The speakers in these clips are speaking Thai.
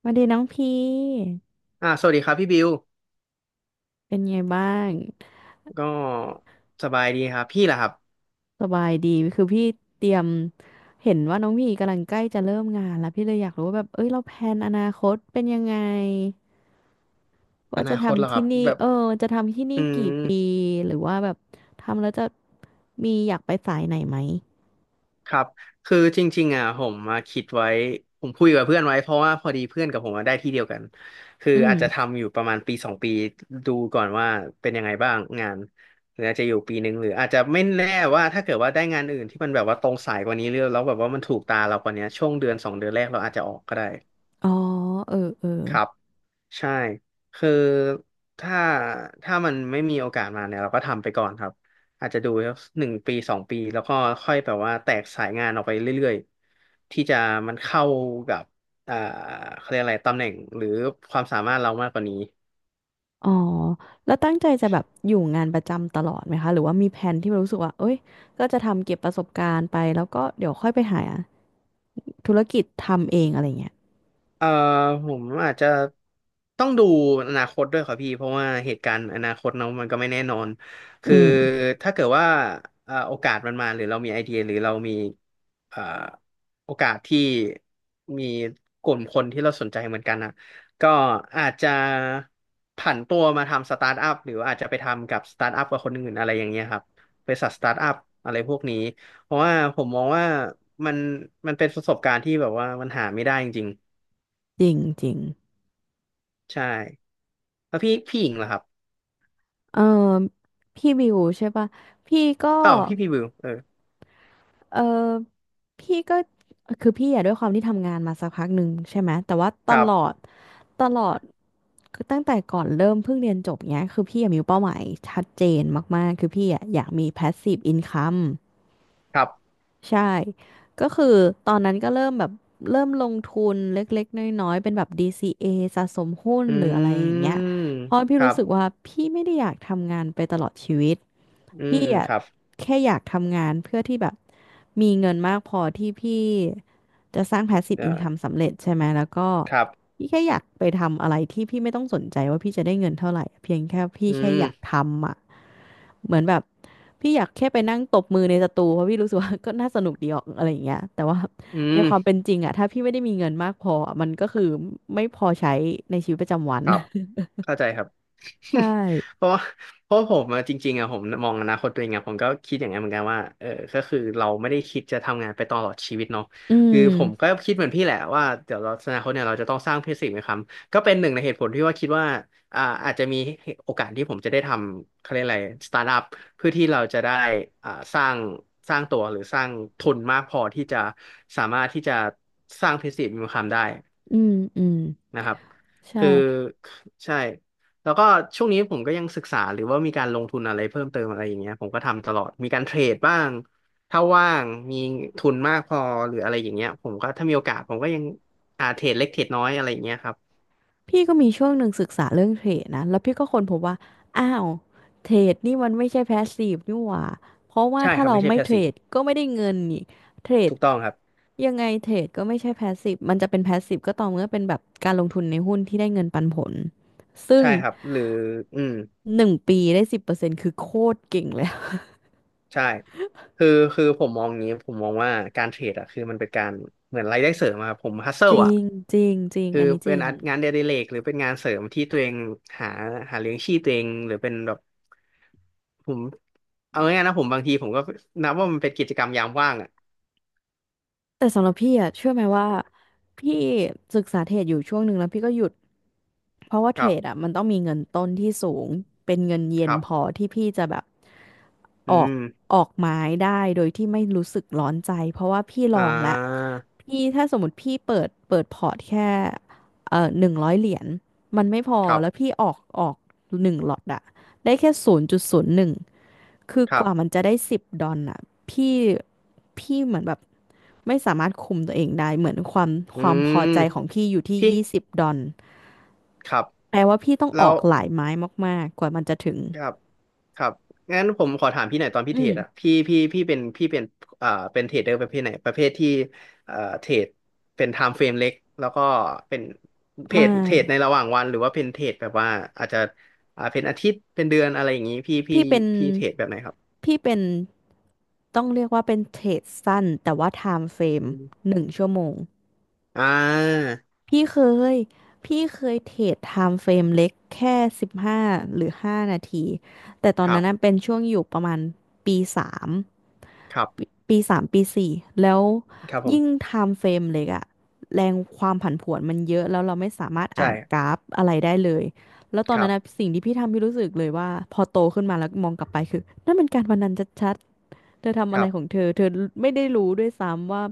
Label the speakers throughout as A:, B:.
A: สวัสดีน้องพี่
B: อ่าสวัสดีครับพี่บิว
A: เป็นไงบ้าง
B: ก็สบายดีครับพี่ล่ะครับ
A: สบายดี คือพี่เตรียมเห็นว่าน้องพี่กำลังใกล้จะเริ่มงานแล้วพี่เลยอยากรู้ว่าแบบเอ้ยเราแพลนอนาคตเป็นยังไง
B: อ
A: ว่า
B: นา
A: จะ
B: คตเหรอ
A: ทำ
B: ครั
A: ที่
B: บ
A: นี่
B: แบบ
A: เออจะทำที่
B: อื
A: นี่
B: ม
A: กี่ปีหรือว่าแบบทำแล้วจะมีอยากไปสายไหนไหม
B: ครับคือจริงๆผมมาคิดไว้ผมคุยกับเพื่อนไว้เพราะว่าพอดีเพื่อนกับผมอะได้ที่เดียวกันคือ
A: อืม
B: อาจจะทำอยู่ประมาณปีสองปีดูก่อนว่าเป็นยังไงบ้างงานหรืออาจจะอยู่ปีหนึ่งหรืออาจจะไม่แน่ว่าถ้าเกิดว่าได้งานอื่นที่มันแบบว่าตรงสายกว่านี้เรื่อยแล้วแบบว่ามันถูกตาเรากว่านี้ช่วงเดือนสองเดือนแรกเราอาจจะออกก็ได้
A: อ๋อเออเออ
B: ครับ ใช่คือถ้าถ้ามันไม่มีโอกาสมาเนี่ยเราก็ทำไปก่อนครับอาจจะดูหนึ่งปีสองปีแล้วก็ค่อยแบบว่าแตกสายงานออกไปเรื่อยๆที่จะมันเข้ากับอ่าเขาเรียกอะไรตำแหน่งหรือความสามารถเรามากกว่านี้
A: อ๋อแล้วตั้งใจจะแบบอยู่งานประจำตลอดไหมคะหรือว่ามีแผนที่รู้สึกว่าเอ้ยก็จะทำเก็บประสบการณ์ไป แล้วก็เดี๋ยวค่อยไปหาธุรกิจทำเองอะไรเงี้ย
B: เอ่อผมอาจจะต้องดูอนาคตด้วยครับพี่เพราะว่าเหตุการณ์อนาคตเนาะมันก็ไม่แน่นอนคือ
A: อืม
B: ถ้าเกิดว่าโอกาสมันมาหรือเรามีไอเดียหรือเรามีเอ่อโอกาสที่มีกลุ่มคนที่เราสนใจเหมือนกันนะก็อาจจะผันตัวมาทำสตาร์ทอัพหรืออาจจะไปทำกับสตาร์ทอัพกับคนอื่นอะไรอย่างเงี้ยครับบริษัทสตาร์ทอัพอะไรพวกนี้เพราะว่าผมมองว่ามันมันเป็นประสบการณ์ที่แบบว่ามันหาไม่ได้จริง
A: จริงจริง
B: ใช่แล้วพี่หญิงเหรอครับ
A: เออพี่บิวใช่ปะพี่ก็
B: ต่ออพี่บิวเออ
A: เออพี่ก็คือพี่อะด้วยความที่ทำงานมาสักพักหนึ่งใช่ไหมแต่ว่าต
B: ครับ
A: ลอดตลอดคือตั้งแต่ก่อนเริ่มเพิ่งเรียนจบเนี้ยคือพี่อะมีเป้าหมายชัดเจนมากๆคือพี่อะอยากมี passive income
B: ครับ
A: ใช่ ก็คือตอนนั้นก็เริ่มลงทุนเล็กๆน้อยๆเป็นแบบ DCA สะสมหุ้น
B: อ
A: หรืออะไรอ
B: ื
A: ย่างเงี้ย
B: ม
A: เพราะพี่
B: ครั
A: รู้
B: บ
A: สึกว่าพี่ไม่ได้อยากทำงานไปตลอดชีวิต
B: อืม
A: พี่
B: อืม
A: อะ
B: ครับ
A: แค่อยากทำงานเพื่อที่แบบมีเงินมากพอที่พี่จะสร้าง passive
B: เอ่อ
A: income สำเร็จใช่ไหม แล้วก็
B: ครับ
A: พี่แค่อยากไปทำอะไรที่พี่ไม่ต้องสนใจว่าพี่จะได้เงินเท่าไหร่เพียงแค่พี่
B: อื
A: แค่อยาก
B: ม
A: ทำอ่ะ เหมือนแบบพี่อยากแค่ไปนั่งตบมือในสตูเพราะพี่รู้สึกว่า ก็น่าสนุกดีออกอะไรอย่างเงี้ยแต่ว่า
B: อื
A: ในความเป็
B: ม
A: นจริงอะถ้าพี่ไม่ได้มีเงินมากพออะมันก็คือไม่พอใช้ในชีวิตประจำวัน
B: ครับ เข้าใจครับ
A: ใช่
B: เพราะว่าเพราะผมจริงๆผมมองอนาคตตัวเองอะผมก็คิดอย่างนั้นเหมือนกันว่าเออก็คือเราไม่ได้คิดจะทำงานไปตลอดชีวิตเนาะ
A: อื
B: คือ
A: ม
B: ผมก็คิดเหมือนพี่แหละว่าเดี๋ยวเราอนาคตเนี่ยเราจะต้องสร้างเพื่อสิ่งไหมครับก็เป็นหนึ่งในเหตุผลที่ว่าคิดว่าอาจจะมีโอกาสที่ผมจะได้ทำเขาเรียกอะไรสตาร์ทอัพเพื่อที่เราจะได้อ่าสร้างสร้างตัวหรือสร้างทุนมากพอที่จะสามารถที่จะสร้างพิสิทธิ์มีความได้
A: อืม อืม
B: นะครับ
A: ใช่
B: คือใช่แล้วก็ช่วงนี้ผมก็ยังศึกษาหรือว่ามีการลงทุนอะไรเพิ่มเติมอะไรอย่างเงี้ยผมก็ทำตลอดมีการเทรดบ้างถ้าว่างมีทุนมากพอหรืออะไรอย่างเงี้ยผมก็ถ้ามีโอกาสผมก็ยังเทรดเล็กเทรดน้อยอะไรอย่างเงี้ยครับ
A: พี่ก็มีช่วงหนึ่งศึกษาเรื่องเทรดนะแล้วพี่ก็ค้นพบว่าอ้าวเทรดนี่มันไม่ใช่แพสซีฟนี่หว่าเพราะว่า
B: ใช่
A: ถ้า
B: ครับ
A: เรา
B: ไม่ใช่
A: ไม่เทร
B: passive
A: ดก็ไม่ได้เงินนี่เทรด
B: ถูกต้องครับ
A: ยังไงเทรดก็ไม่ใช่แพสซีฟมันจะเป็นแพสซีฟก็ต่อเมื่อเป็นแบบการลงทุนในหุ้นที่ได้เงินปันผลซึ่ง
B: ใช่ครับหรืออืม
A: 1 ปีได้10%คือโคตรเก่งเลว
B: ใช่คือคือผมมองอย่างนี้ผมมองว่าการเทรดอะคือมันเป็นการเหมือนรายได้เสริมอะครับผมฮัสเซิ
A: จ
B: ล
A: ริ
B: อะ
A: งจริงจริง
B: คือ
A: อันนี้จ
B: เป็น
A: ริง
B: งานเดลิเรกหรือเป็นงานเสริมที่ตัวเองหาหาเลี้ยงชีพตัวเองหรือเป็นแบบผมเอาง่ายๆนะผมบางทีผมก็นับว่ามันเป็นกิจกรรมยามว่างอ่ะ
A: แต่สำหรับพี่อะเชื่อไหมว่าพี่ศึกษาเทรดอยู่ช่วงหนึ่งแล้วพี่ก็หยุด เพราะว่า
B: ค
A: เทร
B: รั
A: ดอ่ะ
B: บ
A: มันต้องมีเงินต้นที่สูงเป็นเงินเย็
B: ค
A: น
B: รับ
A: พอที่พี่จะแบบ
B: อื
A: ออก
B: ม
A: ออกไม้ได้โดยที่ไม่รู้สึกร้อนใจเพราะว่าพี่ล
B: อ่
A: องแล้ว
B: า
A: พี่ถ้าสมมติพี่เปิดพอร์ตแค่100 เหรียญมันไม่พอ
B: ครับ
A: แล้วพี่ออกหนึ่งหลอตอะได้แค่0.01คือ
B: ครั
A: กว่ามัน
B: บ
A: จะได้สิบดอลอะพี่พี่เหมือนแบบไม่สามารถคุมตัวเองได้เหมือนความ
B: อื
A: ความพอ
B: ม
A: ใจของพี่อยู่ที่
B: พี่
A: 20 ดอล
B: ครับ
A: แปลว่าพี่ต้องอ
B: แล้
A: อ
B: ว
A: กหลายไม้มากๆกว่ามันจะถึง
B: ครับครับงั้นผมขอถามพี่หน่อยตอนพี่
A: อื
B: เทร
A: ม
B: ดอะพี่เป็นพี่เป็นเป็นเทรดเดอร์ประเภทไหนประเภทที่เทรดเป็นไทม์เฟรมเล็กแล้วก็เป็นเทรด
A: ไม่
B: เทรดในระหว่างวันหรือว่าเป็นเทรดแบบว่าอาจจะเป็นอาทิตย์เป็นเดือนอะไรอย่างนี้ พี่พี่
A: พี่เป็น
B: พี่เทรดแบบไหนครับ
A: พี่เป็นต้องเรียกว่าเป็นเทรดสั้นแต่ว่าไทม์เฟร
B: อื
A: ม
B: ม
A: หนึ่งชั่วโมง
B: อ่า
A: พี่เคย พี่เคยเทรดไทม์เฟรมเล็กแค่15 หรือ 5 นาทีแต่ตอน
B: ครั
A: นั้
B: บ
A: นน่ะเป็นช่วงอยู่ประมาณปีสาม
B: ครับ
A: ปีปีสามปีสี่แล้ว
B: ครับผ
A: ยิ่ง
B: ม
A: ไทม์เฟรมเล็กอะแรงความผันผวนมันเยอะแล้วเราไม่สามารถ
B: ใช่
A: อ่านกราฟอะไรได้เลยแล้วตอ
B: ค
A: น
B: รั
A: นั้น
B: บ
A: นะสิ่งที่พี่ทำพี่รู้สึกเลยว่าพอโตขึ้นมาแล้วมองกลับไปคือนั่นมันการพนันชัดๆเธอทำ
B: ค
A: อะไร
B: รับ
A: ของเธอเธอไม่ได้รู้ด้วยซ้ำว่า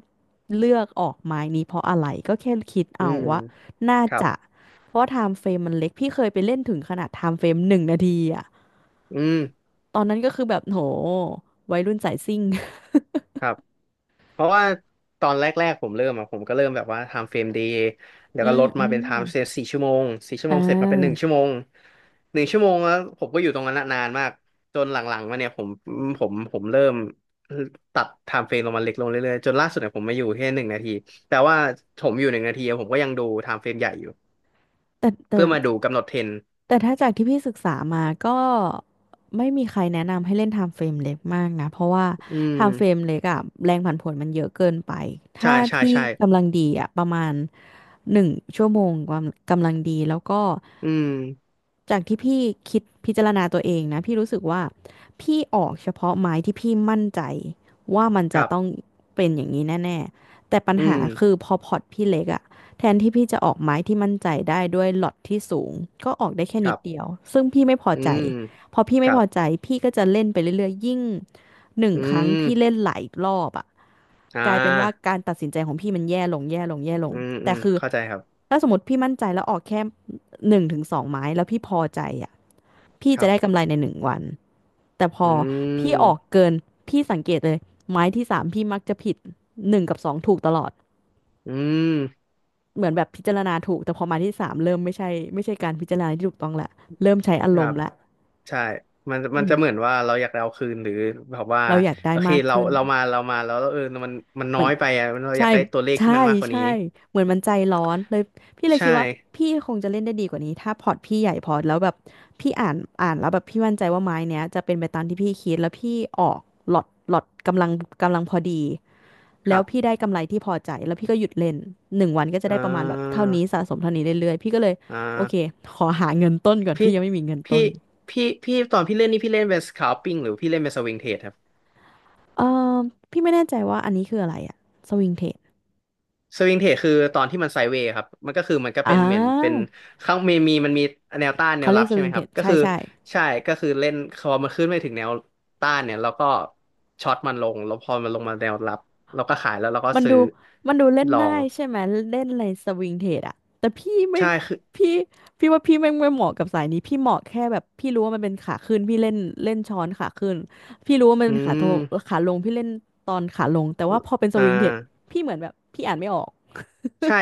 A: เลือกออกไม้นี้เพราะอะไรก็แค่คิด
B: อื
A: เอา
B: ม
A: ว่าน่า
B: ครับ
A: จะเพราะไทม์เฟรมมันเล็กพี่เคยไปเล่นถึงขนาดไทม์เฟรม1 นาทีอะ
B: อืม
A: ตอนนั้นก็คือแบบโหวัยรุ่นสายซิ่ง
B: ครับ เพราะว่าตอนแรกๆผมเริ่มอะผมก็เริ่มแบบว่าทำเฟรมเดย์แล้ ว
A: อื
B: ก็ล
A: ม
B: ด
A: อื
B: มาเป็นไท
A: ม
B: ม์เซฟรสี่ชั่วโมงสี่ชั่ว
A: อ่
B: โมงเสร็จมาเป็นหนึ่ง
A: า
B: ชั่วโมงหนึ่งชั่วโมงแล้วผมก็อยู่ตรงนั้นอะนานมากจนหลังๆมาเนี่ยผมเริ่มตัดไทม์เฟรมลงมาเล็กลงเรื่อยๆจนล่าสุดเนี่ยผมมาอยู่แค่หนึ่งนาทีแต่ว่าผมอยู่หนึ่งนาทีอะผมก็ยังดูไทม์เฟรมใหญ่อยู่
A: แต่แต่
B: เพื่อมาดูกำหนดเทรนด์
A: แต่ถ้าจากที่พี่ศึกษามาก็ไม่มีใครแนะนำให้เล่นไทม์เฟรมเล็กมากนะเพราะว่า
B: อื
A: ไท
B: ม
A: ม์เฟรมเล็กอะแรงผันผวนมันเยอะเกินไป
B: ใช่
A: ถ้า
B: ใช่
A: ที่
B: ใช่
A: กำลังดีอะประมาณหนึ่งชั่วโมงกำลังดีแล้วก็
B: อืม
A: จากที่พี่คิดพิจารณาตัวเองนะพี่รู้สึกว่าพี่ออกเฉพาะไม้ที่พี่มั่นใจว่ามัน
B: ค
A: จะ
B: รั
A: ต้อง
B: บ
A: เป็นอย่างนี้แน่ๆแต่ปัญ
B: อื
A: หา
B: ม
A: คือพอพอร์ตพี่เล็กอะ แทนที่พี่จะออกไม้ที่มั่นใจได้ด้วยล็อตที่สูงก็ออกได้แค่
B: ค
A: นิ
B: รั
A: ด
B: บ
A: เดียวซึ่งพี่ไม่พอ
B: อื
A: ใจ
B: ม
A: พอพี่
B: ค
A: ไม่
B: รั
A: พอใจ
B: บ
A: พี่ก็จะเล่นไปเรื่อยๆยิ่งหนึ่ง
B: อื
A: ครั้งพี่เล่น
B: ม
A: หลายรอบอ่ะ
B: อ่า
A: กลายเป็นว่าการตัดสินใจของพี่มันแย่ลงแย่ลงแย่ล
B: อื
A: ง
B: มอื
A: แต่
B: ม
A: คือ
B: เข้าใจครับ
A: ถ้าสมมติพี่มั่นใจแล้วออกแค่หนึ่งถึงสองไม้แล้วพี่พอใจอ่ะพี่
B: ค
A: จะ
B: รับ
A: ได้กำไรในหนึ่งวันแต่พอ
B: อื
A: พี่ออก
B: ม
A: เกินพี่สังเกตเลยไม้ที่สามพี่มักจะผิดหนึ่งกับสองถูกตลอด
B: อืม
A: เหมือนแบบพิจารณาถูกแต่พอมาที่สามเริ่มไม่ใช่ไม่ใช่การพิจารณาที่ถูกต้องละเริ่มใช้อา
B: ค
A: ร
B: รั
A: ม
B: บ
A: ณ์ละ
B: ใช่มันมั
A: อื
B: น
A: ม
B: จะเหมือนว่าเราอยากได้เอาคืนหรือแบบว่า
A: เราอยากได้
B: โอเค
A: มาก
B: เรา
A: ขึ้น
B: เรามาแล้วเออมันมัน
A: เห
B: น้
A: มื
B: อ
A: อน
B: ยไปอ่ะมันเราอยา
A: ใช่
B: กได้ตัวเลขที่
A: ใช่
B: มันมากกว่านี้
A: ใช่เหมือนมันใจร้อนเลยพี่เลย
B: ใช่
A: คิดว่าพี่คงจะเล่นได้ดีกว่านี้ถ้าพอร์ตพี่ใหญ่พอแล้วแบบพี่อ่านแล้วแบบพี่มั่นใจว่าไม้เนี้ยจะเป็นไปตามที่พี่คิดแล้วพี่ออกหลอดกำลังพอดี
B: ค
A: แล้ว
B: รั
A: พี่
B: บ
A: ได้กำไรที่พอใจแล้วพี่ก็หยุดเล่นหนึ่งวันก็จะ
B: อ่
A: ได้ประมาณแบบ
B: า
A: เท่านี้สะสมเท่านี้เรื่อยๆพี่ก็เลย
B: อ
A: โอเค
B: ่า
A: ขอหาเงินต้นก่อน
B: พี่
A: พี่ยังไม่มีเงิน
B: พี่
A: ต้น
B: พี่ตอนพี่เล่นนี่พี่เล่นเป็นสคา l ปิ้งหรือพี่เล่นเป็นสวิงเทรดครับ
A: เออพี่ไม่แน่ใจว่าอันนี้คืออะไรอะสวิงเทรด
B: สวิงเทรดคือตอนที่มันไซด์เวย์ครับมันก็คือมันก็
A: อ่
B: เป็นเหมือนเป็น
A: า
B: ข้างมีแนวต้านแน
A: เขา
B: ว
A: เรี
B: รั
A: ยก
B: บ
A: ส
B: ใช่ไห
A: วิ
B: ม
A: ง
B: ค
A: เทร
B: รับ
A: ด
B: ก็
A: ใช่
B: คือ
A: ใช่
B: ใช่ก็คือเล่นพอมันขึ้นไม่ถึงแนวต้านเนี่ยเราก็ช็อตมันลงแล้วพอมันลงมาแนวรับเราก็ขายแล้วเราก็
A: มัน
B: ซื้อ
A: ดูมันดูเล่น
B: ลอ
A: ง่า
B: ง
A: ยใช่ไหมเล่นอะไรสวิงเทรดอะแต่พี่ไม่
B: ใช่คือ
A: พี่ว่าพี่ไม่เหมาะกับสายนี้พี่เหมาะแค่แบบพี่รู้ว่ามันเป็นขาขึ้นพี่เล่นเล่นช้อนขาขึ้นพี่รู้ว่ามัน
B: อื
A: เป็นขาโท
B: ม
A: ขาลงพี่เล่นตอนขาลงแต่ว่าพอเป็นส
B: อ่
A: วิงเทรด
B: า
A: พี่เหมือนแบบพี่อ่านไม่ออก
B: ใช่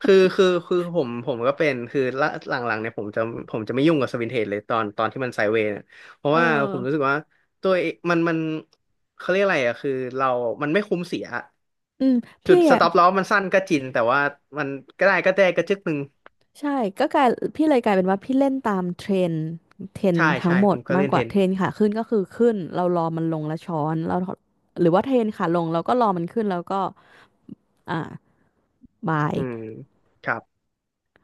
B: คือผมก็เป็น คือละหลังๆเนี่ยผมจะไม่ยุ่งกับสวินเทจเลยตอนที่มันไซด์เวย์เนี่ยเพราะ
A: เออ
B: ว่าผมรู้สึกว่า ตัวเองมันเขาเรียกอะไรอะคือเรามันไม่คุ้มเสีย
A: อืม
B: จุ
A: พี่
B: ดส
A: อะ
B: ต็อปลอสมันสั้นก็จริงแต่ว่ามันก็ได้ก็จึกหนึ่ง
A: ใช่ก็กลายพี่เลยกลายเป็นว่าพี่เล่นตามเทรนเทรน
B: ใช่
A: ทั้ง
B: ใช่
A: หม
B: ผ
A: ด
B: มก็
A: มา
B: เล่
A: ก
B: น
A: ก
B: เท
A: ว่า
B: น
A: เทรนขาขึ้นก็คือขึ้นเรารอมันลงแล้วช้อนเราหรือว่าเทรนขาลงเราก็รอมันขึ้นแล้วก็อ่า บาย
B: อืมครับ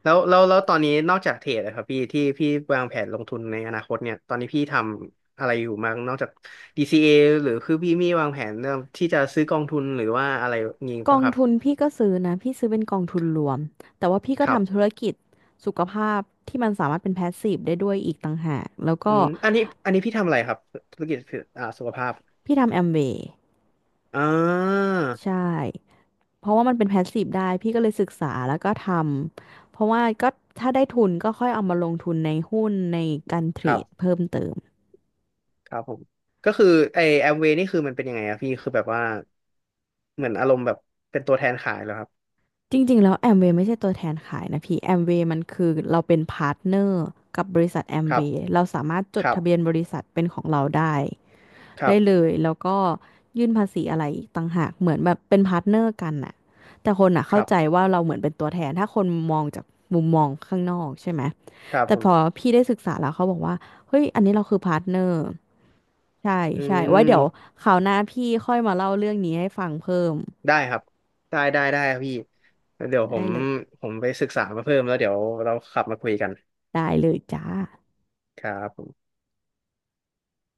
B: แล้วตอนนี้นอกจากเทรดนะครับพี่ที่พี่วางแผนลงทุนในอนาคตเนี่ยตอนนี้พี่ทำอะไรอยู่บ้างนอกจาก DCA หรือคือพี่มีวางแผนเรื่องที่จะซื้อกองทุนหรือว่าอะไรงี้
A: ก
B: ป่ะ
A: อง
B: ครับ
A: ทุนพี่ก็ซื้อนะพี่ซื้อเป็นกองทุนรวมแต่ว่าพี่ก็
B: ครับ
A: ทำธุรกิจสุขภาพที่มันสามารถเป็นแพสซีฟได้ด้วยอีกต่างหากแล้ว
B: อื
A: ก็
B: มอันนี้พี่ทำอะไรครับธุรกิจสุขภาพ
A: พี่ทำแอมเวย์
B: อ่า
A: ใช่เพราะว่ามันเป็นแพสซีฟได้พี่ก็เลยศึกษาแล้วก็ทำเพราะว่าก็ถ้าได้ทุนก็ค่อยเอามาลงทุนในหุ้นในการเทร
B: ครับ
A: ดเพิ่มเติม
B: ครับผมก็คือไอแอมเวนี่คือมันเป็นยังไงอะพี่คือแบบว่าเหมือนอารมณ์แบบเป็นตัวแทนขายเหรอครับ
A: จริงๆแล้วแอมเวย์ไม่ใช่ตัวแทนขายนะพี่แอมเวย์มันคือเราเป็นพาร์ทเนอร์กับบริษัทแอม
B: ค
A: เว
B: รับ
A: ย์เราสามารถจ
B: ค
A: ด
B: รับ
A: ทะเบียนบริษัทเป็นของเราได้
B: ครั
A: ได้เล
B: บ
A: ยแล้วก็ยื่นภาษีอะไรอีกต่างหากเหมือนแบบเป็นพาร์ทเนอร์กันน่ะแต่คนอ่ะ
B: ค
A: เข้า
B: รับ
A: ใจว่าเราเหมือนเป็นตัวแทนถ้าคนมองจากมุมมองข้างนอกใช่ไหม
B: ครับ
A: แต่
B: ผ
A: พอ
B: ม
A: พี่ได้ศึกษาแล้วเขาบอกว่าเฮ้ยอันนี้เราคือพาร์ทเนอร์ใช่
B: อื
A: ใช่ไว้เดี๋ยว
B: ม
A: คราวหน้าพี่ค่อยมาเล่าเรื่องนี้ให้ฟังเพิ่ม
B: ได้ครับ ได้ครับพี่ เดี๋ยวผ
A: ได้
B: ม
A: เลย
B: ผมไปศึกษามาเพิ่มแล้วเดี๋ยวเราขับมาคุยกัน
A: จ้า
B: ครับผม